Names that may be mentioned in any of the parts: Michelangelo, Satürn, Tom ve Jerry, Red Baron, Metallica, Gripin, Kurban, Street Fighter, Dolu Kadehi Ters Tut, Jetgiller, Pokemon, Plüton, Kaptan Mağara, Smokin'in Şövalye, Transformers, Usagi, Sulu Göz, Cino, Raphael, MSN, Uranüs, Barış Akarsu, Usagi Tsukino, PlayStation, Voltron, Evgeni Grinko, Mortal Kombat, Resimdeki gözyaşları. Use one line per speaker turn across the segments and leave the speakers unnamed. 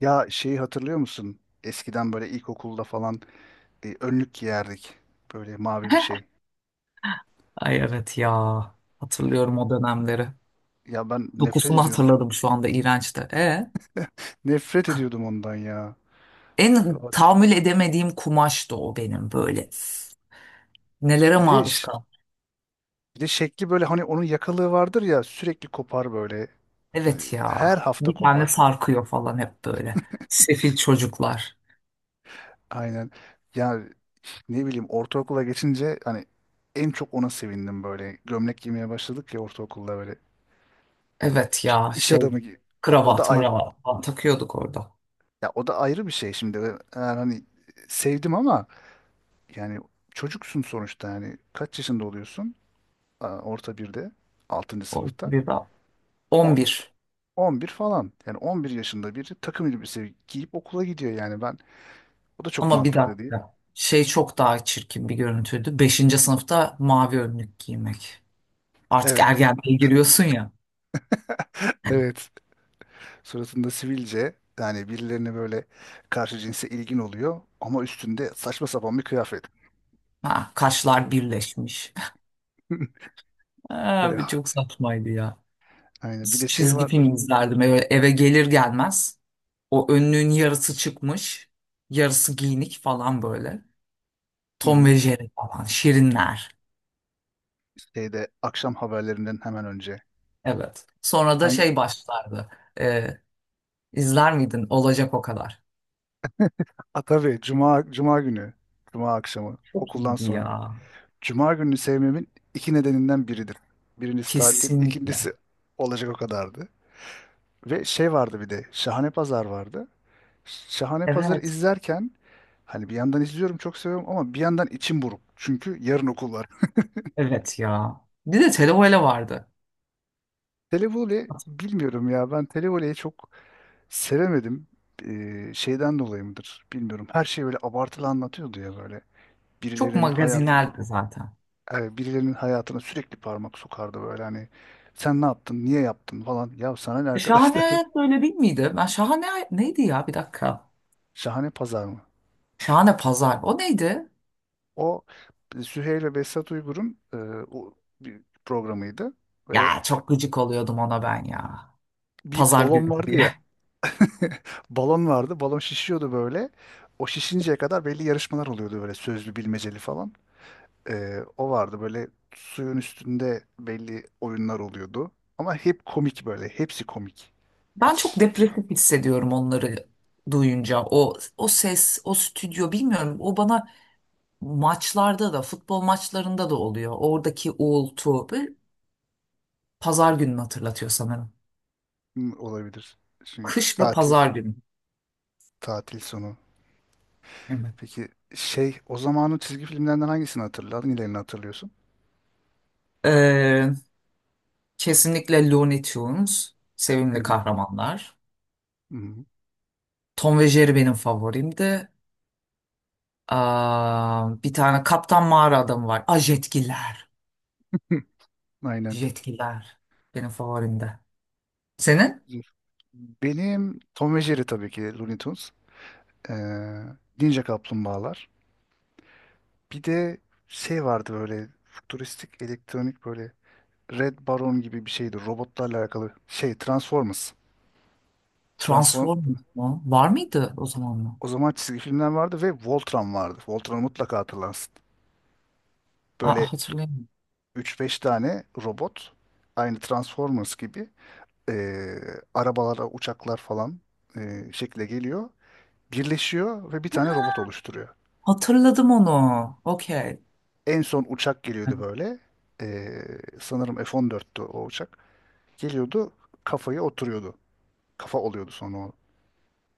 Ya şeyi hatırlıyor musun? Eskiden böyle ilkokulda falan önlük giyerdik. Böyle mavi bir şey.
Ay evet ya. Hatırlıyorum o dönemleri.
Ya ben nefret
Dokusunu
ediyordum.
hatırladım şu anda iğrençti. E,
Nefret ediyordum ondan ya.
en
Abi.
tahammül edemediğim kumaştı o benim böyle. Nelere
Bir de
maruz
ş-
kaldım.
Bir de şekli böyle, hani onun yakalığı vardır ya, sürekli kopar böyle.
Evet ya.
Her hafta
Bir tane
kopar.
sarkıyor falan hep böyle. Sefil çocuklar.
Aynen. Ya, ne bileyim, ortaokula geçince hani en çok ona sevindim böyle. Gömlek giymeye başladık ya ortaokulda böyle.
Evet ya,
İş
şey
adamı gibi. Ya o da
kravat
ayrı,
mıravat falan takıyorduk orada.
ya o da ayrı bir şey şimdi. Ben yani hani sevdim ama yani çocuksun sonuçta, yani kaç yaşında oluyorsun? Aa, orta birde, 6.
O
sınıfta.
bir daha. on
10,
bir
11 falan. Yani 11 yaşında biri takım elbise giyip okula gidiyor yani ben. O da çok
Ama bir
mantıklı değil.
dakika. Şey çok daha çirkin bir görüntüydü. Beşinci sınıfta mavi önlük giymek. Artık
Evet.
ergenliğe giriyorsun ya.
Evet. Suratında sivilce, yani birilerine böyle, karşı cinse ilgin oluyor ama üstünde saçma sapan bir kıyafet.
Ha, kaşlar birleşmiş.
Böyle
Abi çok saçmaydı ya.
aynı bir de şey
Çizgi
vardır.
film izlerdim eve gelir gelmez. O önlüğün yarısı çıkmış, yarısı giyinik falan böyle.
Hı
Tom
hı.
ve Jerry falan, Şirinler.
Şeyde, akşam haberlerinden hemen önce.
Evet. Sonra da
Hangi?
şey başlardı. Ee, izler miydin? Olacak o kadar.
Ha, tabii, cuma günü. Cuma akşamı
Çok
okuldan
iyiydi
sonra.
ya.
Cuma gününü sevmemin iki nedeninden biridir. Birincisi tatil,
Kesinlikle.
ikincisi olacak o kadardı. Ve şey vardı bir de, Şahane Pazar vardı. Şahane Pazar'ı
Evet.
izlerken, hani bir yandan izliyorum çok seviyorum ama bir yandan içim buruk. Çünkü yarın okul var.
Evet ya. Bir de televele vardı.
Televole bilmiyorum ya, ben Televole'yi çok sevemedim. Şeyden dolayı mıdır bilmiyorum. Her şey böyle abartılı anlatıyordu ya böyle.
Çok
Birilerinin hayatı,
magazineldi zaten.
yani birilerinin hayatına sürekli parmak sokardı böyle, hani sen ne yaptın, niye yaptın falan. Ya sana ne arkadaşlar?
Şahane böyle değil miydi? Ben şahane neydi ya bir dakika.
Şahane Pazar mı?
Şahane pazar. O neydi?
O, Süheyl ve Behzat Uygur'un o bir programıydı. Böyle
Ya çok gıcık oluyordum ona ben ya.
bir
Pazar
balon
günü
vardı ya.
diye.
Balon vardı. Balon şişiyordu böyle. O şişinceye kadar belli yarışmalar oluyordu böyle, sözlü, bilmeceli falan. O vardı böyle, suyun üstünde belli oyunlar oluyordu. Ama hep komik böyle. Hepsi komik.
Ben çok
Hiç.
depresif hissediyorum onları duyunca. O ses, o stüdyo bilmiyorum. O bana maçlarda da, futbol maçlarında da oluyor. Oradaki uğultu. Böyle pazar gününü hatırlatıyor sanırım.
Olabilir. Çünkü
Kış ve
tatil.
pazar günü.
Tatil sonu.
Evet.
Peki şey, o zamanın çizgi filmlerinden hangisini hatırladın? Hangilerini hatırlıyorsun?
Ee, kesinlikle Looney Tunes.
Hı
Sevimli
hı.
kahramanlar.
Hı hı.
Tom ve Jerry benim favorimdi. Aa, bir tane Kaptan Mağara adamı var. Aa, Jetgiller.
Aynen.
Jetgiller. Benim favorimde. Senin?
Benim Tom ve Jerry, tabii ki Looney Tunes. Ee, Ninja Kaplumbağalar. Bir de şey vardı böyle, futuristik, elektronik böyle, Red Baron gibi bir şeydi. Robotlarla alakalı şey, Transformers. Transform
Transformers mu? Var mıydı o zaman mı?
O zaman çizgi filmler vardı ve Voltron vardı. Voltron'u mutlaka hatırlarsın.
Aa,
Böyle
hatırlayamıyorum.
üç beş tane robot, aynı Transformers gibi e, arabalara, uçaklar falan şekle geliyor. Birleşiyor ve bir tane robot oluşturuyor.
Hatırladım onu. Okey.
En son uçak geliyordu böyle. E, Sanırım F-14'tü o uçak. Geliyordu, kafaya oturuyordu. Kafa oluyordu sonra o.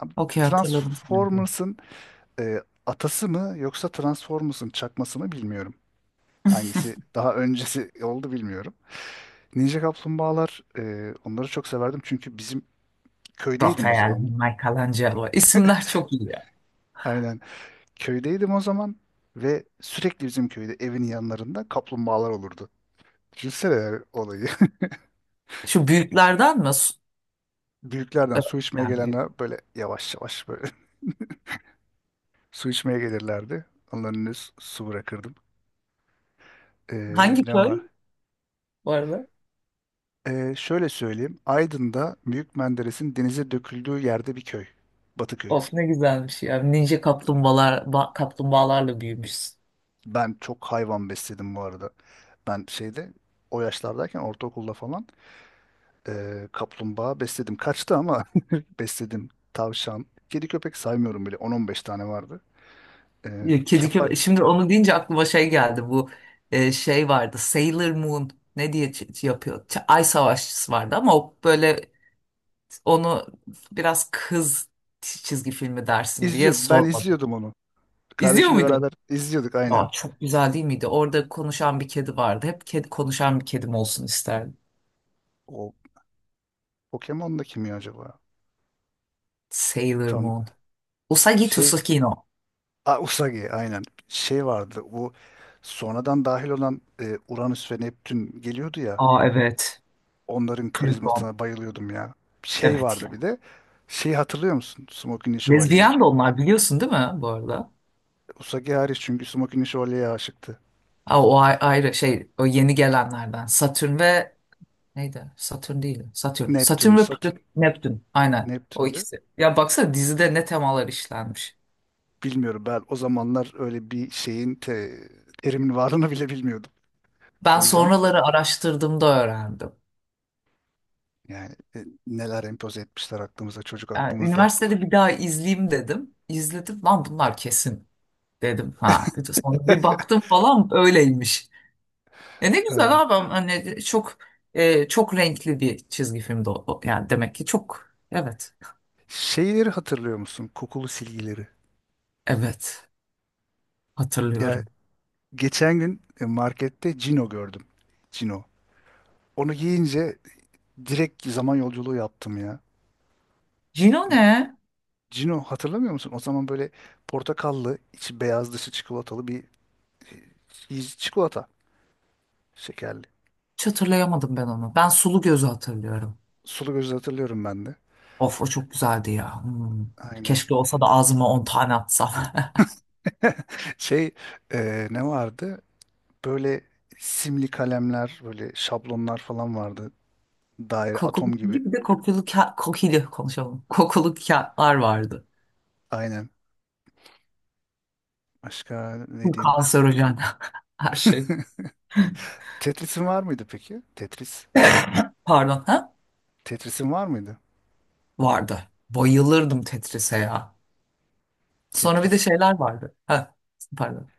Abi,
Okey, hatırladım şimdi.
Transformers'ın atası mı yoksa Transformers'ın çakması mı bilmiyorum. Hangisi daha öncesi oldu bilmiyorum. Ninja Kaplumbağalar, onları çok severdim çünkü bizim köydeydim o
Raphael,
zaman.
Michelangelo. İsimler çok iyi ya.
Aynen. Köydeydim o zaman ve sürekli bizim köyde evin yanlarında kaplumbağalar olurdu. Düşünsene yani olayı.
Şu büyüklerden mi?
Büyüklerden su içmeye
Yani büyük.
gelenler böyle yavaş yavaş böyle su içmeye gelirlerdi. Onların önüne su bırakırdım.
Hangi
Ne
köy
var?
bu arada?
Şöyle söyleyeyim. Aydın'da Büyük Menderes'in denize döküldüğü yerde bir köy. Batıköy.
Of ne güzelmiş ya. Ninja kaplumbağalar, kaplumbağalarla büyümüşsün.
Ben çok hayvan besledim bu arada. Ben şeyde, o yaşlardayken, ortaokulda falan kaplumbağa besledim. Kaçtı ama besledim. Tavşan. Kedi köpek saymıyorum bile. 10-15 tane vardı.
Ya, kedi
Kefal.
köpek. Şimdi onu deyince aklıma şey geldi. Bu şey vardı. Sailor Moon ne diye yapıyor? Ay Savaşçısı vardı ama o böyle onu biraz kız çizgi filmi dersin diye
İzliyor. Ben
sormadım.
izliyordum onu.
İzliyor
Kardeşimle beraber
muydun?
izliyorduk,
Aa,
aynen.
çok güzel değil miydi? Orada konuşan bir kedi vardı. Hep kedi konuşan bir kedim olsun isterdim.
O Pokemon'da kim ya acaba?
Sailor
Tam
Moon. Usagi
şey.
Tsukino.
Aa, Usagi, aynen. Şey vardı. Bu sonradan dahil olan Uranüs ve Neptün geliyordu ya.
Aa, evet.
Onların
Plüton.
karizmasına bayılıyordum ya. Şey
Evet
vardı
ya.
bir de. Şeyi hatırlıyor musun? Smokin'in Şövalye'yi.
Lezbiyen de onlar biliyorsun değil mi bu arada?
Usagi hariç, çünkü Smokin'in Şövalye'ye aşıktı.
Aa, o ayrı şey o yeni gelenlerden. Satürn ve neydi? Satürn değil. Satürn.
Neptün,
Satürn ve
Satürn,
Neptün. Aynen. O
Neptün'dü.
ikisi. Ya baksana dizide ne temalar işlenmiş.
Bilmiyorum, ben o zamanlar öyle bir şeyin terimin varlığını bile bilmiyordum.
Ben
O yüzden
sonraları araştırdığımda öğrendim.
yani neler empoze etmişler aklımıza, çocuk
Yani
aklımızla.
üniversitede bir daha izleyeyim dedim. İzledim. Lan bunlar kesin dedim. Ha. Sonra bir baktım falan öyleymiş. E ne
Anladım.
güzel abi. Hani çok renkli bir çizgi filmdi o. Yani demek ki çok. Evet.
Şeyleri hatırlıyor musun? Kokulu silgileri.
Evet.
Ya,
Hatırlıyorum.
geçen gün markette Cino gördüm. Cino. Onu giyince direkt zaman yolculuğu yaptım ya.
Cino
Böyle,
ne?
Cino hatırlamıyor musun? O zaman böyle portakallı, içi beyaz dışı çikolatalı bir çikolata şekerli.
Hiç hatırlayamadım ben onu. Ben Sulu Göz'ü hatırlıyorum.
Sulu Göz'ü hatırlıyorum ben de.
Of o çok güzeldi ya. Hmm.
Aynen.
Keşke olsa da ağzıma 10 tane atsam.
Şey, ne vardı? Böyle simli kalemler, böyle şablonlar falan vardı. Daire,
Kokulu
atom gibi.
gibi bir de kokulu kokili konuşalım. Kokulu kağıtlar vardı.
Aynen. Başka ne
Bu
diyeyim?
kanserojen her şey.
Tetris'in var mıydı peki? Tetris.
Pardon ha?
Tetris'in var mıydı?
Vardı. Bayılırdım Tetris'e ya. Sonra bir de
Tetris.
şeyler vardı. Ha, pardon.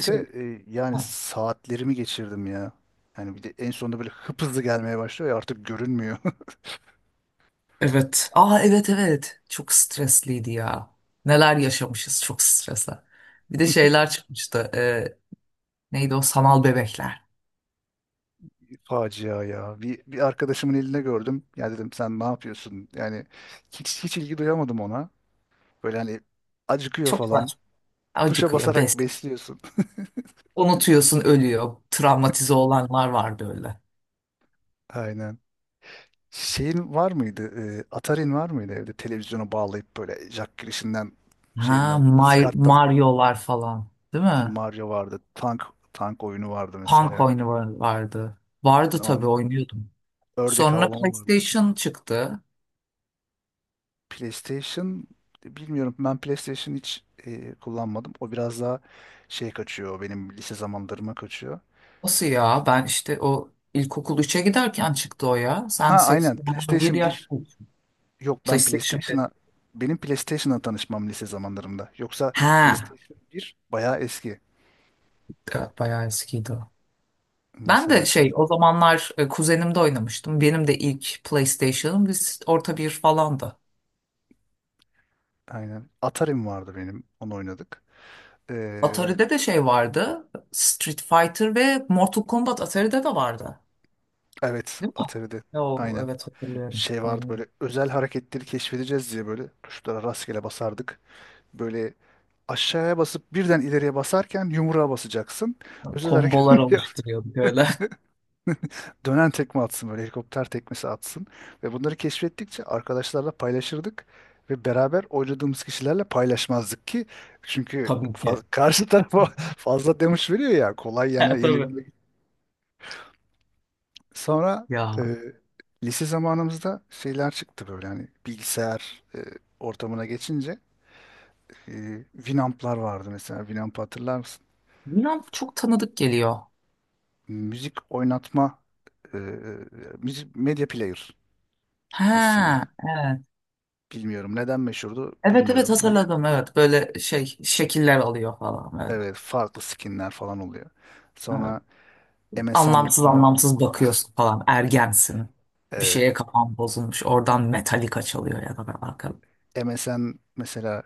Şey,
yani
ha.
saatlerimi geçirdim ya. Yani bir de en sonunda böyle hıp hızlı gelmeye başlıyor ya, artık görünmüyor.
Evet. Aa, evet, evet. Çok stresliydi ya. Neler yaşamışız çok stresle. Bir de şeyler çıkmıştı. Neydi o sanal bebekler.
Facia ya. Bir arkadaşımın elinde gördüm. Ya dedim, sen ne yapıyorsun? Yani hiç ilgi duyamadım ona. Böyle hani acıkıyor
Çok
falan.
saçma.
Tuşa
Acıkıyor,
basarak
bes.
besliyorsun.
Unutuyorsun, ölüyor. Travmatize olanlar vardı öyle.
Aynen. Şeyin var mıydı? Atari'nin var mıydı evde? Televizyonu bağlayıp böyle jack girişinden,
Ha,
şeyinden, Skart'tan.
Mario'lar falan, değil
Hani
mi?
Mario vardı. Tank oyunu vardı
Punk
mesela.
oyunu vardı. Vardı tabii
On,
oynuyordum.
ördek
Sonra
avlama vardı.
PlayStation çıktı.
PlayStation bilmiyorum. Ben PlayStation hiç kullanmadım. O biraz daha şey kaçıyor. Benim lise zamanlarıma kaçıyor.
Nasıl ya? Ben işte o ilkokul 3'e giderken çıktı o ya.
Ha,
Sen
aynen.
seksenden bir
PlayStation
yaş
bir.
büyüksün.
Yok,
PlayStation 1.
Benim PlayStation'la tanışmam lise zamanlarımda. Yoksa
Ha,
PlayStation bir bayağı eski.
evet, bayağı eskiydi o. Ben
Mesela
de
şey,
şey o zamanlar kuzenimde oynamıştım. Benim de ilk PlayStation'ım biz orta bir falandı.
aynen. Atari'm vardı benim. Onu oynadık. Ee,
Atari'de de şey vardı. Street Fighter ve Mortal Kombat Atari'de de vardı.
evet,
Değil mi?
Atari'de
Yo,
aynen.
evet, hatırlıyorum.
Şey vardı
Aynen.
böyle, özel hareketleri keşfedeceğiz diye böyle tuşlara rastgele basardık. Böyle aşağıya basıp birden ileriye basarken yumruğa basacaksın. Özel
Kombolar
hareket yap.
oluşturuyorduk öyle.
Dönen tekme atsın böyle, helikopter tekmesi atsın. Ve bunları keşfettikçe arkadaşlarla paylaşırdık. Ve beraber oynadığımız kişilerle paylaşmazdık ki. Çünkü
Tabii ki.
karşı tarafa fazla demiş veriyor ya, kolay
Ha,
yani
tabii.
yenebilmek. Sonra e,
Ya
lise zamanımızda şeyler çıktı böyle, hani bilgisayar ortamına geçince Winamp'lar vardı mesela. Winamp'ı hatırlar mısın?
bilmem, çok tanıdık geliyor.
Müzik oynatma, e, e, müzik medya player aslında.
Ha, evet.
Bilmiyorum. Neden meşhurdu?
Evet, evet,
Bilmiyorum. Hani,
hatırladım, evet. Böyle şey şekiller alıyor falan böyle.
evet, farklı skinler falan oluyor. Sonra MSN
Anlamsız
var.
anlamsız bakıyorsun falan. Ergensin. Bir
Evet,
şeye kafan bozulmuş. Oradan Metallica çalıyor ya da ben arkada.
MSN mesela,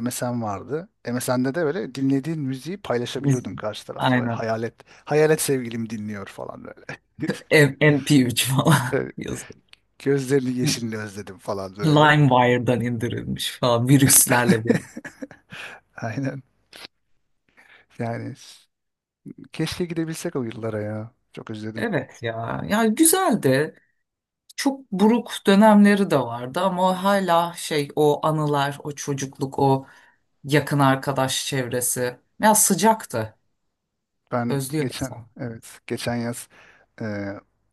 MSN vardı. MSN'de de böyle dinlediğin müziği
Biz-
paylaşabiliyordun karşı tarafla. Böyle
Aynen.
hayalet, hayalet sevgilim dinliyor falan böyle.
MP3 falan
Evet,
yazıyor.
gözlerini yeşilini özledim falan böyle.
LimeWire'dan indirilmiş falan virüslerle birlikte.
Aynen. Yani keşke gidebilsek o yıllara ya. Çok özledim.
Evet ya. Yani güzeldi. Çok buruk dönemleri de vardı ama hala şey o anılar, o çocukluk, o yakın arkadaş çevresi. Ya sıcaktı.
Ben
Özlüyor
geçen,
insan
evet, geçen yaz e,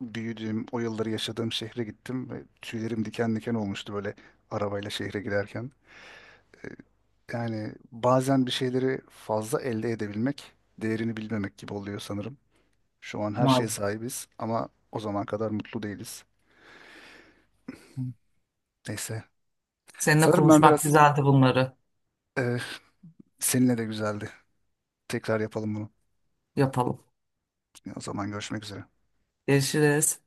büyüdüğüm, o yılları yaşadığım şehre gittim ve tüylerim diken diken olmuştu böyle, arabayla şehre giderken. Yani bazen bir şeyleri fazla elde edebilmek, değerini bilmemek gibi oluyor sanırım. Şu an her şeye
maalesef.
sahibiz ama o zaman kadar mutlu değiliz. Neyse.
Seninle
Sanırım ben
konuşmak
biraz,
güzeldi bunları.
e, seninle de güzeldi. Tekrar yapalım bunu.
Yapalım.
O zaman görüşmek üzere.
Görüşürüz.